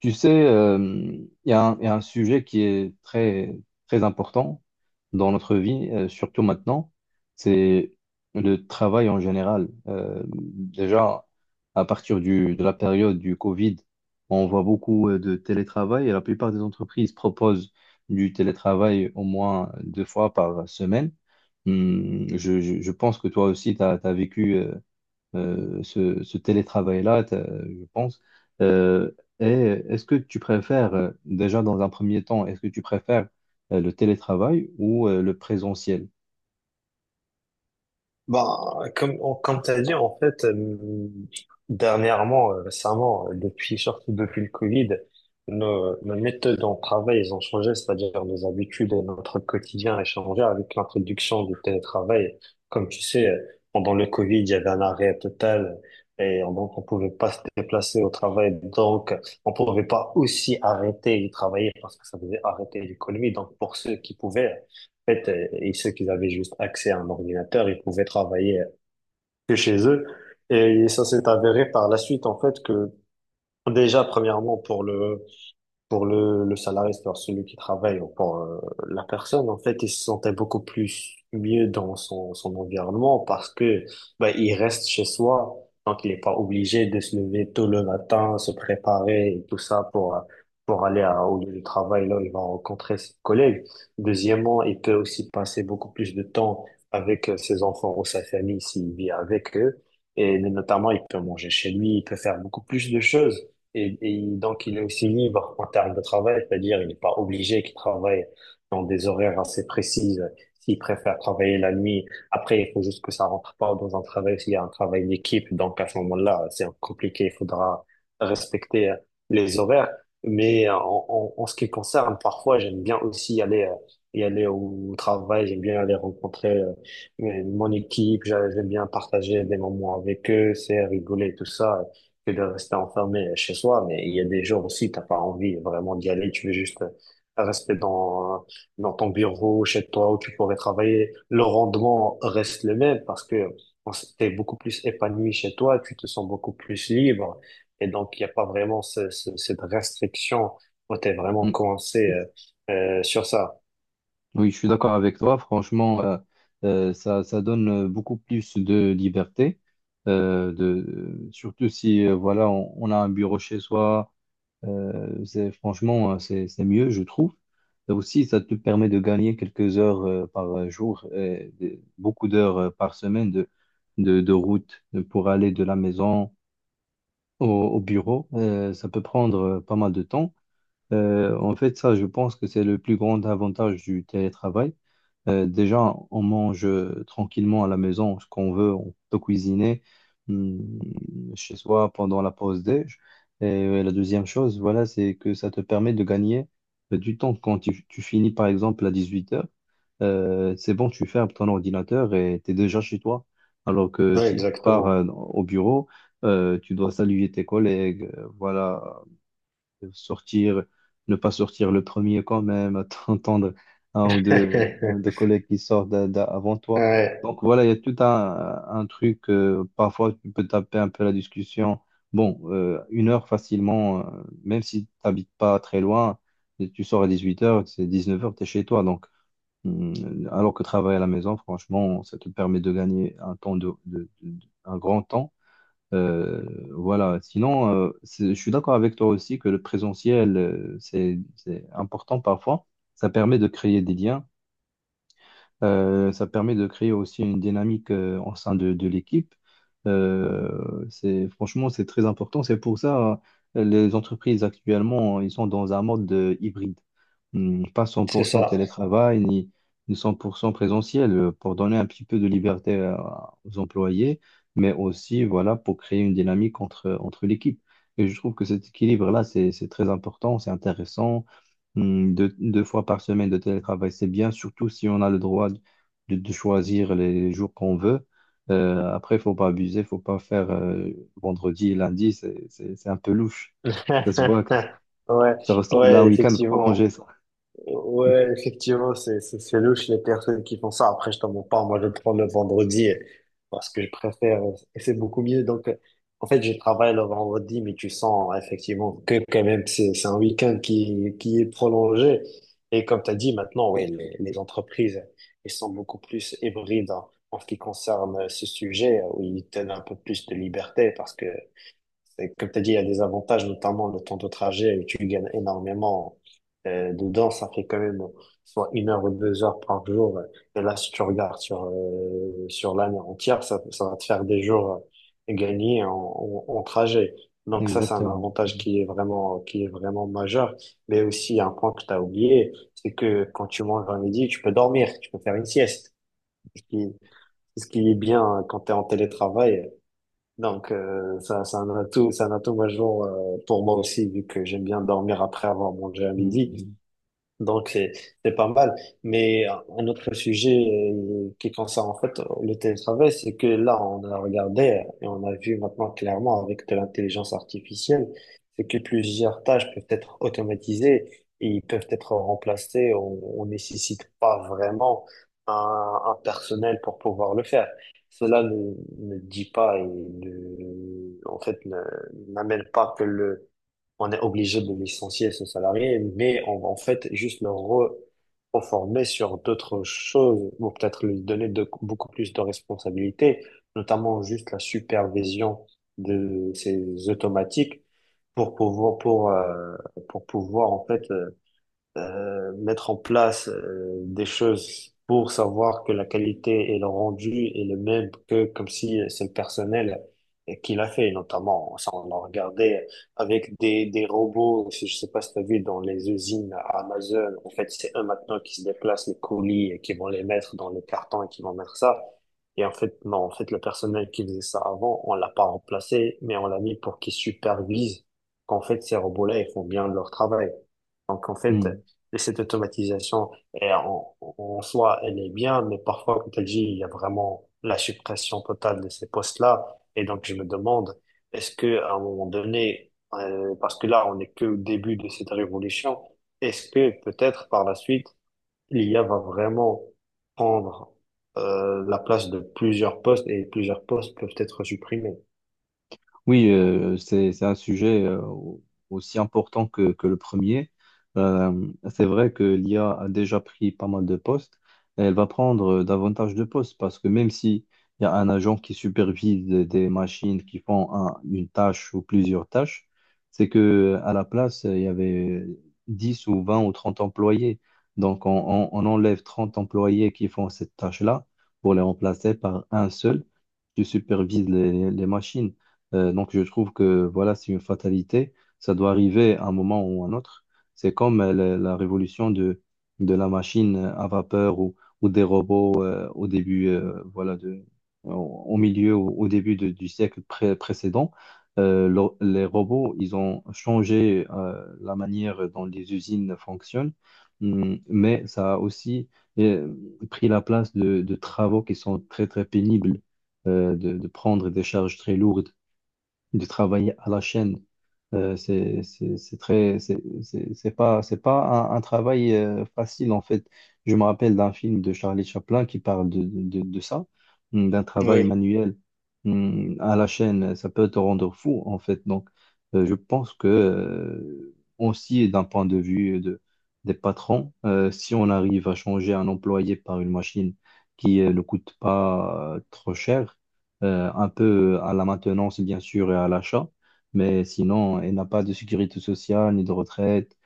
Tu sais, il y a un sujet qui est très, très important dans notre vie, surtout maintenant, c'est le travail en général. Déjà, à partir de la période du Covid, on voit beaucoup de télétravail, et la plupart des entreprises proposent du télétravail au moins deux fois par semaine. Je pense que toi aussi, tu as vécu, ce télétravail-là, je pense. Euh, et est-ce que tu préfères, déjà dans un premier temps, est-ce que tu préfères le télétravail ou le présentiel? On- Comme tu as dit, dernièrement, récemment, depuis, surtout depuis le Covid, nos méthodes en travail, ils ont changé, c'est-à-dire nos habitudes et notre quotidien a changé avec l'introduction du télétravail. Comme tu sais, pendant le Covid, il y avait un arrêt total et on- donc on pouvait pas se déplacer au travail. Donc, on pouvait pas aussi arrêter de travailler parce que ça faisait arrêter l'économie. Donc, pour ceux qui pouvaient, fait, et ceux qui avaient juste accès à un ordinateur, ils pouvaient travailler que chez eux. Et ça s'est avéré par la suite, en fait, que déjà, premièrement, pour le salarié, c'est-à-dire celui qui travaille, ou pour la personne, en fait, il se sentait beaucoup plus mieux dans son, son environnement parce que ben il reste chez soi, donc il n'est pas obligé de se lever tôt le matin, se préparer et tout ça pour aller à, au lieu de travail, là, il va rencontrer ses collègues. Deuxièmement, il peut aussi passer beaucoup plus de temps avec ses enfants ou sa famille s'il vit avec eux. Et notamment, il peut manger chez lui, il peut faire beaucoup plus de choses. Et donc, il est aussi libre en termes de travail, c'est-à-dire il n'est pas obligé qu'il travaille dans des horaires assez précises. S'il préfère travailler la nuit, après, il faut juste que ça rentre pas dans un travail, s'il y a un travail d'équipe. Donc, à ce moment-là, c'est compliqué, il faudra respecter les horaires. Mais en ce qui concerne, parfois, j'aime bien aussi aller, y aller au travail, j'aime bien aller rencontrer mon équipe, j'aime bien partager des moments avec eux, c'est rigoler, tout ça que de rester enfermé chez soi, mais il y a des jours aussi, t'as pas envie vraiment d'y aller, tu veux juste rester dans, dans ton bureau, chez toi, où tu pourrais travailler. Le rendement reste le même parce que on s- t'es beaucoup plus épanoui chez toi, tu te sens beaucoup plus libre, et donc il n'y a pas vraiment ce- ce- cette restriction où t'es vraiment coincé sur ça. Oui, je suis d'accord avec toi. Franchement, ça donne, beaucoup plus de liberté, surtout si, voilà, on a un bureau chez soi. Franchement, c'est mieux, je trouve. Et aussi, ça te permet de gagner quelques heures, par jour, et beaucoup d'heures, par semaine de route, pour aller de la maison au bureau. Ça peut prendre, pas mal de temps. En fait, ça, je pense que c'est le plus grand avantage du télétravail. Déjà, on mange, tranquillement à la maison ce qu'on veut. On peut cuisiner hum, chez soi pendant la pause déj. Et, la deuxième chose, voilà, c'est que ça te permet de gagner, du temps. Quand tu finis, par exemple, à 18h, c'est bon, tu fermes ton ordinateur et tu es déjà chez toi. Alors que Ouais, si tu pars, exactement. Au bureau, tu dois saluer tes collègues, voilà, sortir, ne pas sortir le premier quand même, attendre un ou deux collègues qui sortent avant toi. Ouais, Donc voilà, il y a tout un truc, parfois tu peux taper un peu la discussion. Bon, une heure facilement, même si tu n'habites pas très loin, et tu sors à 18 heures, c'est 19 heures tu es chez toi. Donc, hum, alors que travailler à la maison, franchement, ça te permet de gagner un temps, un grand temps. Euh, voilà. Sinon, je suis d'accord avec toi aussi que le présentiel, c'est important parfois. Ça permet de créer des liens. Ça permet de créer aussi une dynamique, au sein de l'équipe. Franchement, c'est très important. C'est pour ça, les entreprises actuellement, ils sont dans un mode, hybride. Pas c'est 100% ça. télétravail, ni 100% présentiel, pour donner un petit peu de liberté aux employés, mais aussi voilà, pour créer une dynamique entre l'équipe. Et je trouve que cet équilibre-là, c'est très important, c'est intéressant. Deux fois par semaine de télétravail, c'est bien, surtout si on a le droit de choisir les jours qu'on veut. Après, il faut pas abuser. Faut pas faire, vendredi et lundi, c'est un peu louche. Ça se voit, Ouais, ça ressemble à un ouais, week-end prolongé, effectivement. ça. Ouais, effectivement, c'est louche les personnes qui font ça. Après, je t'en mens pas. Moi, je prends le vendredi parce que je préfère et c'est beaucoup mieux. Donc, en fait, je travaille le vendredi, mais tu sens effectivement que quand même c'est un week-end qui est prolongé. Et comme tu as dit, maintenant, oui, les entreprises, elles sont beaucoup plus hybrides en ce qui concerne ce sujet où ils donnent un peu plus de liberté parce que c'est- Comme tu as dit, il y a des avantages, notamment le temps de trajet, où tu gagnes énormément. Dedans, ça fait quand même soit une heure ou deux heures par jour. Et là, si tu regardes sur, sur l'année entière, ça va te faire des jours gagnés en trajet. Donc ça, c'est un Exactement. avantage qui est vraiment majeur. Mais aussi, un point que tu as oublié, c'est que quand tu manges à midi, tu peux dormir, tu peux faire une sieste. Ce qui, ce qui est bien quand tu es en télétravail. Donc, ça, c'est un atout majeur pour moi aussi, vu que j'aime bien dormir après avoir mangé à midi. Hmm. Donc, c'est pas mal. Mais un autre sujet qui concerne en fait le télétravail, c'est que là, on a regardé et on a vu maintenant clairement avec de l'intelligence artificielle, c'est que plusieurs tâches peuvent être automatisées et ils peuvent être remplacées. On nécessite pas vraiment un, un personnel pour pouvoir le faire. Cela ne, ne dit pas et ne, en fait, ne- n'amène pas que le on est obligé de licencier ce salarié, mais on va en fait juste le reformer sur d'autres choses, ou peut-être lui donner de, beaucoup plus de responsabilités, notamment juste la supervision de ces automatiques pour pouvoir, pour, euh, pour pouvoir en fait mettre en place des choses pour savoir que la qualité et le rendu est le même que comme si c'est le personnel qui l'a fait, notamment, ça on l'a regardé avec des robots, si je sais pas si tu as vu dans les usines à Amazon, en fait c'est eux maintenant qui se déplacent les colis et qui vont les mettre dans les cartons et qui vont mettre ça. Et en fait, non, en fait, le personnel qui faisait ça avant, on l'a pas remplacé, mais on l'a mis pour qu'il supervise qu'en fait, ces robots-là, ils font bien leur travail. Donc, en fait, Hmm. cette automatisation, en soi, elle est bien, mais parfois, comme tu le dis, il y a vraiment la suppression totale de ces postes-là. Et donc, je me demande, est-ce que, à un moment donné, parce que là, on n'est que au début de cette révolution, est-ce que peut-être par la suite, l'IA va vraiment prendre, la place de plusieurs postes et plusieurs postes peuvent être supprimés? Oui, c'est un sujet, aussi important que le premier. C'est vrai que l'IA a déjà pris pas mal de postes, et elle va prendre, davantage de postes, parce que même si il y a un agent qui supervise des machines qui font une tâche ou plusieurs tâches. C'est que, à la place, il y avait 10 ou 20 ou 30 employés. Donc on enlève 30 employés qui font cette tâche-là, pour les remplacer par un seul qui supervise les machines. Donc, je trouve que voilà, c'est une fatalité. Ça doit arriver à un moment ou à un autre. C'est comme, la révolution de la machine à vapeur, ou des robots, au début, voilà, au milieu, au début du siècle précédent. Les robots, ils ont changé, la manière dont les usines fonctionnent. Mais ça a aussi, euh, pris la place de travaux qui sont très, très pénibles, de prendre des charges très lourdes, de travailler à la chaîne. C'est pas un travail, facile en fait. Je me rappelle d'un film de Charlie Chaplin qui parle de ça, d'un travail Oui, manuel, à la chaîne. Ça peut te rendre fou en fait. Donc, je pense que, aussi d'un point de vue des patrons, si on arrive à changer un employé par une machine qui, ne coûte pas, trop cher, un peu à la maintenance, bien sûr, et à l'achat. Mais sinon, elle n'a pas de sécurité sociale, ni de retraite,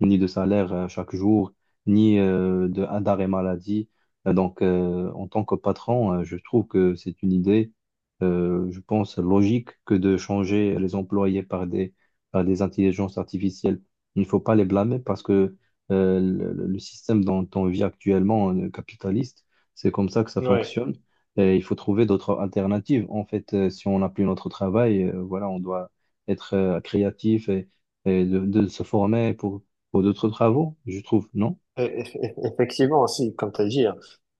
ni de salaire, chaque jour, ni, de d'arrêt maladie. Donc, en tant que patron, je trouve que c'est une idée, je pense, logique, que de changer les employés par par des intelligences artificielles. Il ne faut pas les blâmer, parce que, le système dont on vit actuellement, capitaliste, c'est comme ça que ça oui. fonctionne. Et il faut trouver d'autres alternatives. En fait, si on n'a plus notre travail, voilà, on doit être, créatif, et de se former, pour d'autres travaux, je trouve, non? Effectivement, aussi, comme tu as dit, en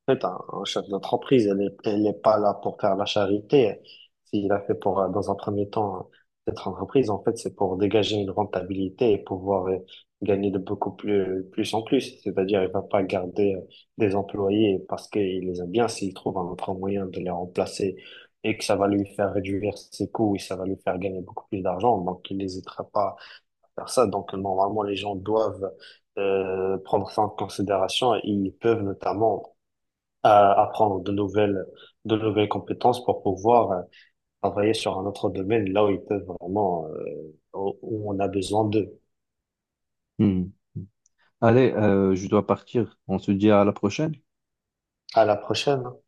fait, un chef d'entreprise, elle est pas là pour faire la charité. S'il a fait pour, dans un premier temps, cette entreprise, en fait, c'est pour dégager une rentabilité et pouvoir gagner de beaucoup plus, plus en plus. C'est-à-dire, il va pas garder des employés parce qu'il les aime bien s'il trouve un autre moyen de les remplacer et que ça va lui faire réduire ses coûts et ça va lui faire gagner beaucoup plus d'argent. Donc, il n'hésitera pas faire ça. Donc, normalement, les gens doivent prendre ça en considération et ils peuvent notamment apprendre de de nouvelles compétences pour pouvoir travailler sur un autre domaine là où ils peuvent vraiment, où on a besoin d'eux. Hmm. Allez, je dois partir. On se dit à la prochaine. À la prochaine. Hein.